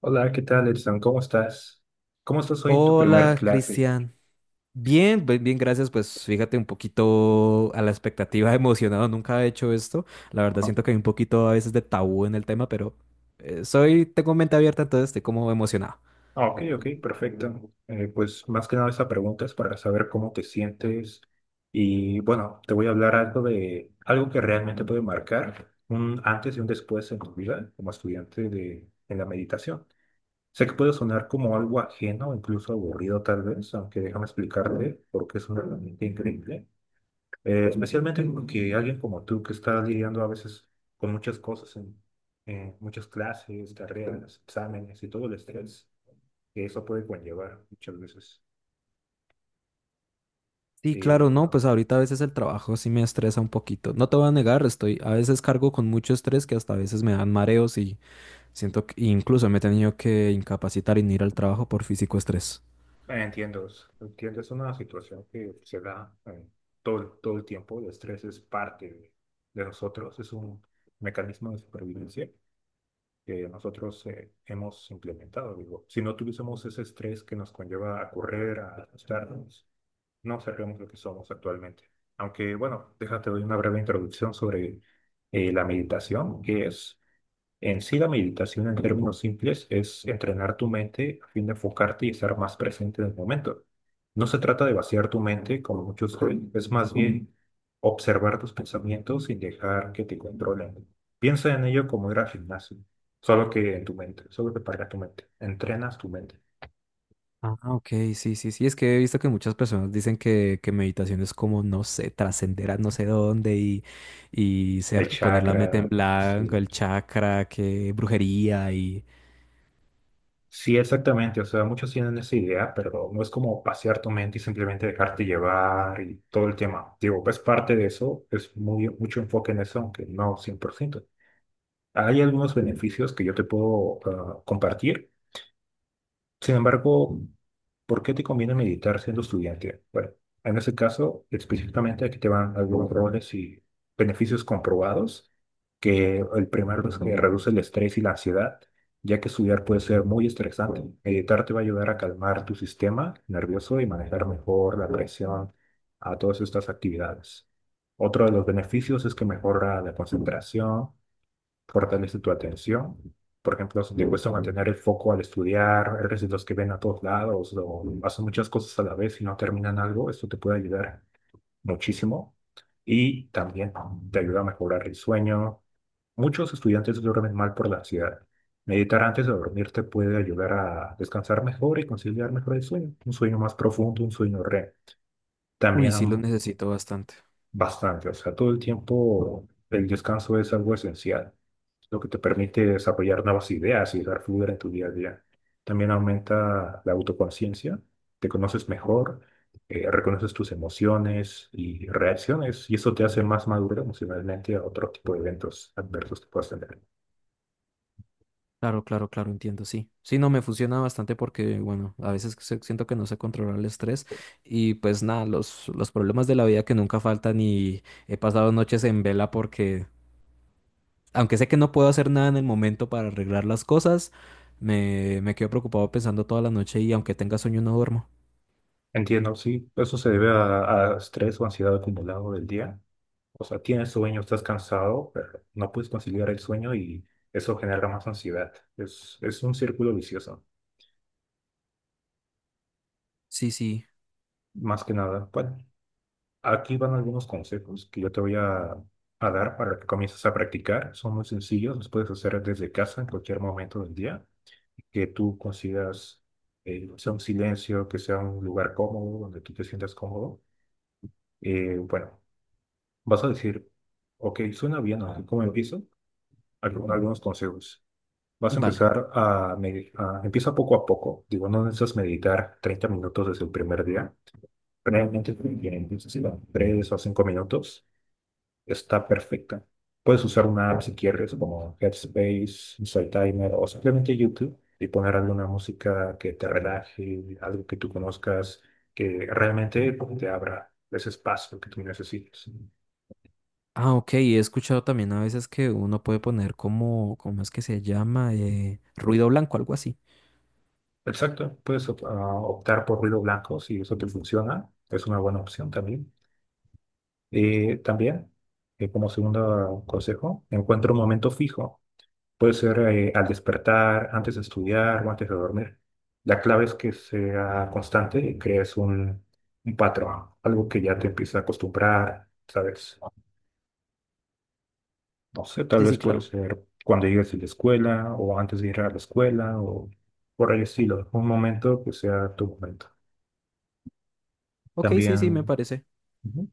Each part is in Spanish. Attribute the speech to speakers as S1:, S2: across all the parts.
S1: Hola, ¿qué tal, Edson? ¿Cómo estás? ¿Cómo estás hoy en tu primer
S2: Hola,
S1: clase?
S2: Cristian. Bien, pues, bien, gracias. Pues fíjate un poquito a la expectativa, emocionado. Nunca he hecho esto. La verdad siento que hay un poquito a veces de tabú en el tema, pero tengo mente abierta, entonces estoy como emocionado.
S1: Ah, ok, ok, perfecto. Pues más que nada esa pregunta es para saber cómo te sientes y bueno, te voy a hablar algo de algo que realmente puede marcar un antes y un después en tu vida como estudiante de, en la meditación. Sé que puede sonar como algo ajeno, incluso aburrido tal vez, aunque déjame explicarte porque es una herramienta increíble. Especialmente que alguien como tú que está lidiando a veces con muchas cosas, en muchas clases, carreras, exámenes y todo el estrés que eso puede conllevar muchas veces.
S2: Sí,
S1: Y,
S2: claro, no, pues ahorita a veces el trabajo sí me estresa un poquito. No te voy a negar, estoy a veces cargo con mucho estrés que hasta a veces me dan mareos y siento que incluso me he tenido que incapacitar y no ir al trabajo por físico estrés.
S1: ah, entiendo, entiendo, es una situación que se da todo el tiempo. El estrés es parte de nosotros, es un mecanismo de supervivencia que nosotros hemos implementado. Digo, si no tuviésemos ese estrés que nos conlleva a correr, a asustarnos, no seremos lo que somos actualmente. Aunque, bueno, déjate doy una breve introducción sobre la meditación, en sí la meditación en términos simples es entrenar tu mente a fin de enfocarte y estar más presente en el momento. No se trata de vaciar tu mente, como muchos creen, es más bien observar tus pensamientos sin dejar que te controlen. Piensa en ello como ir al gimnasio, solo que para tu mente. Entrenas tu mente.
S2: Ah, ok, sí, sí, sí. Es que he visto que muchas personas dicen que meditación es como, no sé, trascender a no sé dónde y
S1: El
S2: ser, poner la meta
S1: chakra,
S2: en blanco,
S1: sí.
S2: el chakra, que brujería y...
S1: Sí, exactamente. O sea, muchos tienen esa idea, pero no es como pasear tu mente y simplemente dejarte llevar y todo el tema. Digo, es parte de eso, mucho enfoque en eso, aunque no 100%. Hay algunos beneficios que yo te puedo compartir, sin embargo, ¿por qué te conviene meditar siendo estudiante? Bueno, en ese caso, específicamente aquí te van algunos roles y beneficios comprobados, que el primero es que reduce el estrés y la ansiedad, ya que estudiar puede ser muy estresante. Meditar te va a ayudar a calmar tu sistema nervioso y manejar mejor la presión a todas estas actividades. Otro de los beneficios es que mejora la concentración, fortalece tu atención. Por ejemplo, si te cuesta mantener el foco al estudiar, eres de los que ven a todos lados o hacen muchas cosas a la vez y no terminan algo, esto te puede ayudar muchísimo, y también te ayuda a mejorar el sueño. Muchos estudiantes duermen mal por la ansiedad. Meditar antes de dormir te puede ayudar a descansar mejor y conciliar mejor el sueño, un sueño más profundo, un sueño REM.
S2: Uy,
S1: También
S2: sí, lo
S1: am-
S2: necesito bastante.
S1: Bastante, o sea, todo el tiempo el descanso es algo esencial, lo que te permite desarrollar nuevas ideas y dar fluidez en tu día a día. También aumenta la autoconciencia, te conoces mejor, reconoces tus emociones y reacciones, y eso te hace más maduro emocionalmente a otro tipo de eventos adversos que puedas tener.
S2: Claro, claro, claro, entiendo, sí. Sí, no, me funciona bastante porque, bueno, a veces siento que no sé controlar el estrés y pues nada, los problemas de la vida que nunca faltan y he pasado noches en vela porque aunque sé que no puedo hacer nada en el momento para arreglar las cosas, me quedo preocupado pensando toda la noche y aunque tenga sueño no duermo.
S1: Entiendo, sí, eso se debe a estrés o ansiedad acumulado del día. O sea, tienes sueño, estás cansado, pero no puedes conciliar el sueño y eso genera más ansiedad. Es un círculo vicioso,
S2: Sí, sí,
S1: más que nada. Bueno, aquí van algunos consejos que yo a dar para que comiences a practicar. Son muy sencillos, los puedes hacer desde casa en cualquier momento del día, que tú consigas, sea un silencio, que sea un lugar cómodo, donde tú te sientas cómodo. Bueno, vas a decir, ok, suena bien, ¿no? ¿Cómo empiezo? Algunos consejos. Vas a
S2: vale.
S1: empieza poco a poco. Digo, no necesitas meditar 30 minutos desde el primer día. Realmente, empiezas a 3 o 5 minutos. Está perfecta. Puedes usar una app si quieres, como Headspace, Insight Timer o simplemente YouTube y poner alguna música que te relaje, algo que tú conozcas, que realmente te abra ese espacio que tú necesitas.
S2: Ah, ok, he escuchado también a veces que uno puede poner como, ¿cómo es que se llama? Ruido blanco, algo así.
S1: Exacto, puedes optar por ruido blanco si eso te funciona. Es una buena opción también. Y también, como segundo consejo, encuentra un momento fijo. Puede ser al despertar, antes de estudiar o antes de dormir. La clave es que sea constante y crees un patrón, algo que ya te empieza a acostumbrar, ¿sabes? No sé, tal
S2: Sí,
S1: vez
S2: sí,
S1: puede
S2: claro.
S1: ser cuando llegues de la escuela o antes de ir a la escuela o por el estilo. Un momento que sea tu momento.
S2: Ok, sí, sí, me
S1: También.
S2: parece.
S1: Ujú.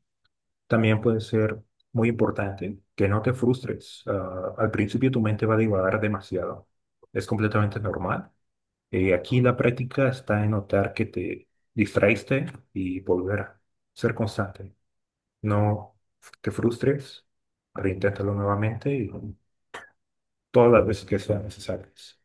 S1: También puede ser muy importante que no te frustres. Ah, al principio tu mente va a divagar demasiado. Es completamente normal. Aquí la práctica está en notar que te distraíste y volver a ser constante. No te frustres, reinténtalo nuevamente y todas las veces que sean necesarias.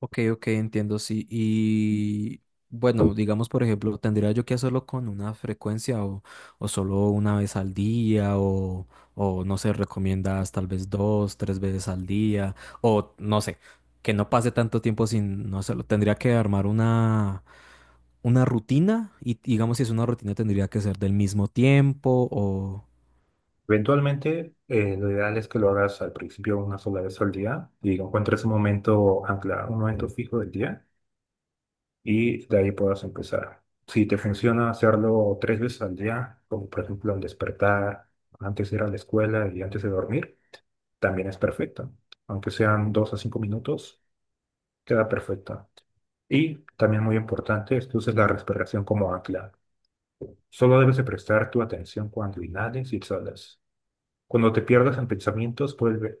S2: Ok, ok, entiendo, sí. Y bueno, digamos, por ejemplo, ¿tendría yo que hacerlo con una frecuencia o solo una vez al día? ¿O, o no sé, recomiendas tal vez dos, tres veces al día? O no sé, que no pase tanto tiempo sin no hacerlo. Tendría que armar una rutina y digamos, si es una rutina, ¿tendría que ser del mismo tiempo o...?
S1: Eventualmente, lo ideal es que lo hagas al principio una sola vez al día y encuentres un momento anclado, un momento fijo del día y de ahí puedas empezar. Si te funciona hacerlo tres veces al día, como por ejemplo al despertar, antes de ir a la escuela y antes de dormir, también es perfecto. Aunque sean 2 a 5 minutos, queda perfecta. Y también muy importante es que uses la respiración como ancla. Solo debes de prestar tu atención cuando inhales y exhalas. Cuando te pierdas en pensamientos, vuelve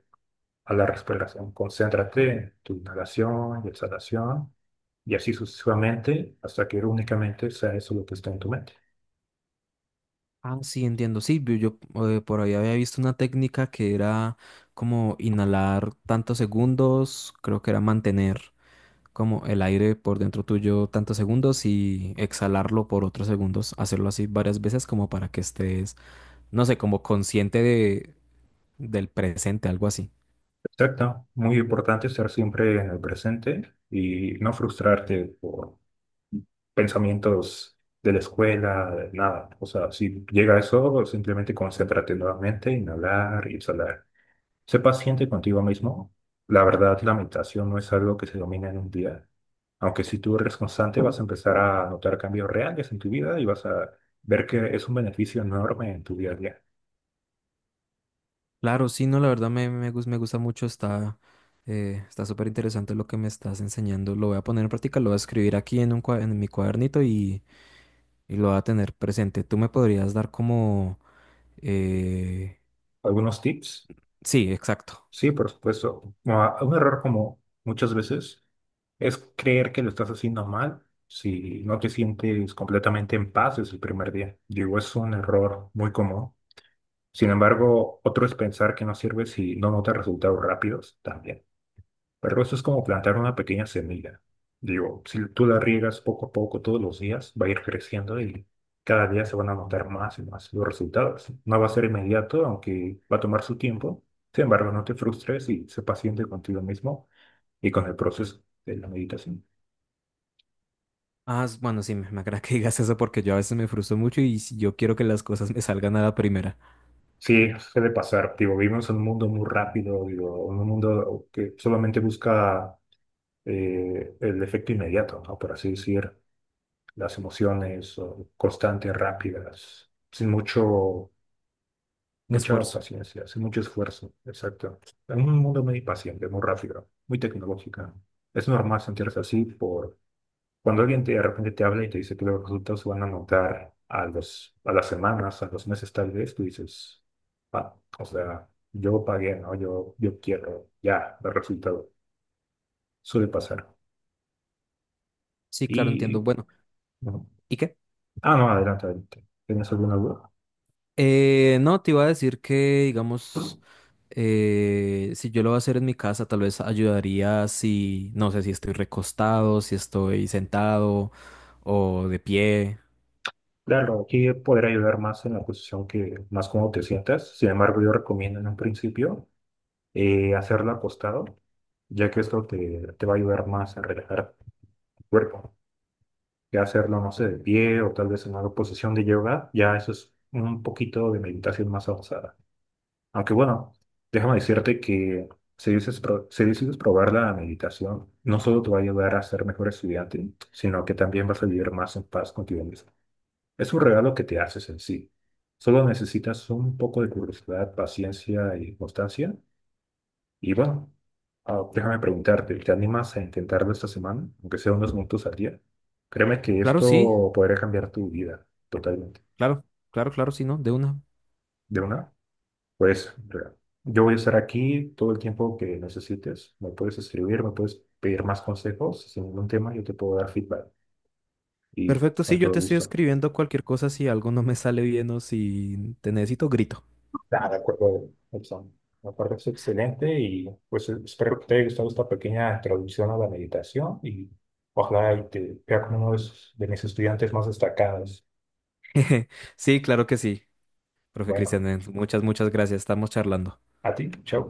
S1: a la respiración. Concéntrate en tu inhalación y exhalación y así sucesivamente hasta que únicamente sea eso lo que está en tu mente.
S2: Ah, sí, entiendo. Sí, vi- yo por ahí había visto una técnica que era como inhalar tantos segundos, creo que era mantener como el aire por dentro tuyo tantos segundos y exhalarlo por otros segundos, hacerlo así varias veces como para que estés, no sé, como consciente de, del presente, algo así.
S1: Exacto. Muy importante estar siempre en el presente y no frustrarte por pensamientos de la escuela, de nada. O sea, si llega eso, simplemente concéntrate nuevamente, inhalar y exhalar. Sé paciente contigo mismo. La verdad, la meditación no es algo que se domina en un día. Aunque si tú eres constante, vas a empezar a notar cambios reales en tu vida y vas a ver que es un beneficio enorme en tu día a día.
S2: Claro, sí, no, la verdad me gusta mucho, está está súper interesante lo que me estás enseñando, lo voy a poner en práctica, lo voy a escribir aquí en un, en mi cuadernito y lo va a tener presente. ¿Tú me podrías dar como... eh...?
S1: ¿Algunos tips?
S2: Sí, exacto.
S1: Sí, por supuesto. Ah, un error como muchas veces es creer que lo estás haciendo mal si no te sientes completamente en paz desde el primer día. Digo, es un error muy común. Sin embargo, otro es pensar que no sirve si no notas resultados rápidos también. Pero eso es como plantar una pequeña semilla. Digo, si tú la riegas poco a poco todos los días, va a ir creciendo y cada día se van a notar más y más los resultados. No va a ser inmediato, aunque va a tomar su tiempo. Sin embargo, no te frustres y sé paciente contigo mismo y con el proceso de la meditación.
S2: Bueno, sí, me agrada que digas eso porque yo a veces me frustro mucho y si yo quiero que las cosas me salgan a la primera.
S1: Sí, suele pasar. Digo, vivimos en un mundo muy rápido, digo, en un mundo que solamente busca el efecto inmediato, ¿no? Por así decir. Las emociones o constantes, rápidas, sin mucho, mucha
S2: Esfuerzo.
S1: paciencia, sin mucho esfuerzo. Exacto. En un mundo muy paciente, muy rápido, muy tecnológico. Es normal sentirse así por cuando alguien de repente te habla y te dice que los resultados se van a notar a las semanas, a los meses tal vez, tú dices: "Ah, o sea, yo pagué, ¿no? Yo quiero ya el resultado". Suele pasar.
S2: Sí, claro,
S1: Y,
S2: entiendo. Bueno,
S1: bueno.
S2: ¿y qué?
S1: Ah, no, adelante. ¿Tienes alguna duda?
S2: No, te iba a decir que, digamos, si yo lo voy a hacer en mi casa, tal vez ayudaría si, no sé, si estoy recostado, si estoy sentado o de pie.
S1: Claro, aquí poder ayudar más en la posición que más cómodo te sientas. Sin embargo, yo recomiendo en un principio hacerlo acostado, ya que te va a ayudar más a relajar el cuerpo. Ya hacerlo, no sé, de pie o tal vez en una posición de yoga, ya eso es un poquito de meditación más avanzada. Aunque bueno, déjame decirte que si decides probar la meditación, no solo te va a ayudar a ser mejor estudiante, sino que también vas a vivir más en paz contigo mismo. Es un regalo que te haces en sí. Solo necesitas un poco de curiosidad, paciencia y constancia. Y bueno, déjame preguntarte, ¿te animas a intentarlo esta semana, aunque sea unos minutos al día? Créeme que
S2: Claro, sí,
S1: esto podría cambiar tu vida totalmente.
S2: claro, claro, claro, sí, ¿no? De una.
S1: ¿De una? Pues mira, yo voy a estar aquí todo el tiempo que necesites. Me puedes escribir, me puedes pedir más consejos. Si sin ningún tema, yo te puedo dar feedback. Y
S2: Perfecto,
S1: con
S2: sí, yo
S1: todo
S2: te estoy
S1: gusto.
S2: escribiendo cualquier cosa si algo no me sale bien o si te necesito, grito.
S1: Nada, de acuerdo, Edson. Me parece excelente y pues espero que te haya gustado esta pequeña introducción a la meditación y ojalá y te vea como de mis estudiantes más destacados.
S2: Sí, claro que sí, profe
S1: Bueno,
S2: Cristian, muchas, muchas gracias, estamos charlando.
S1: a ti, chao.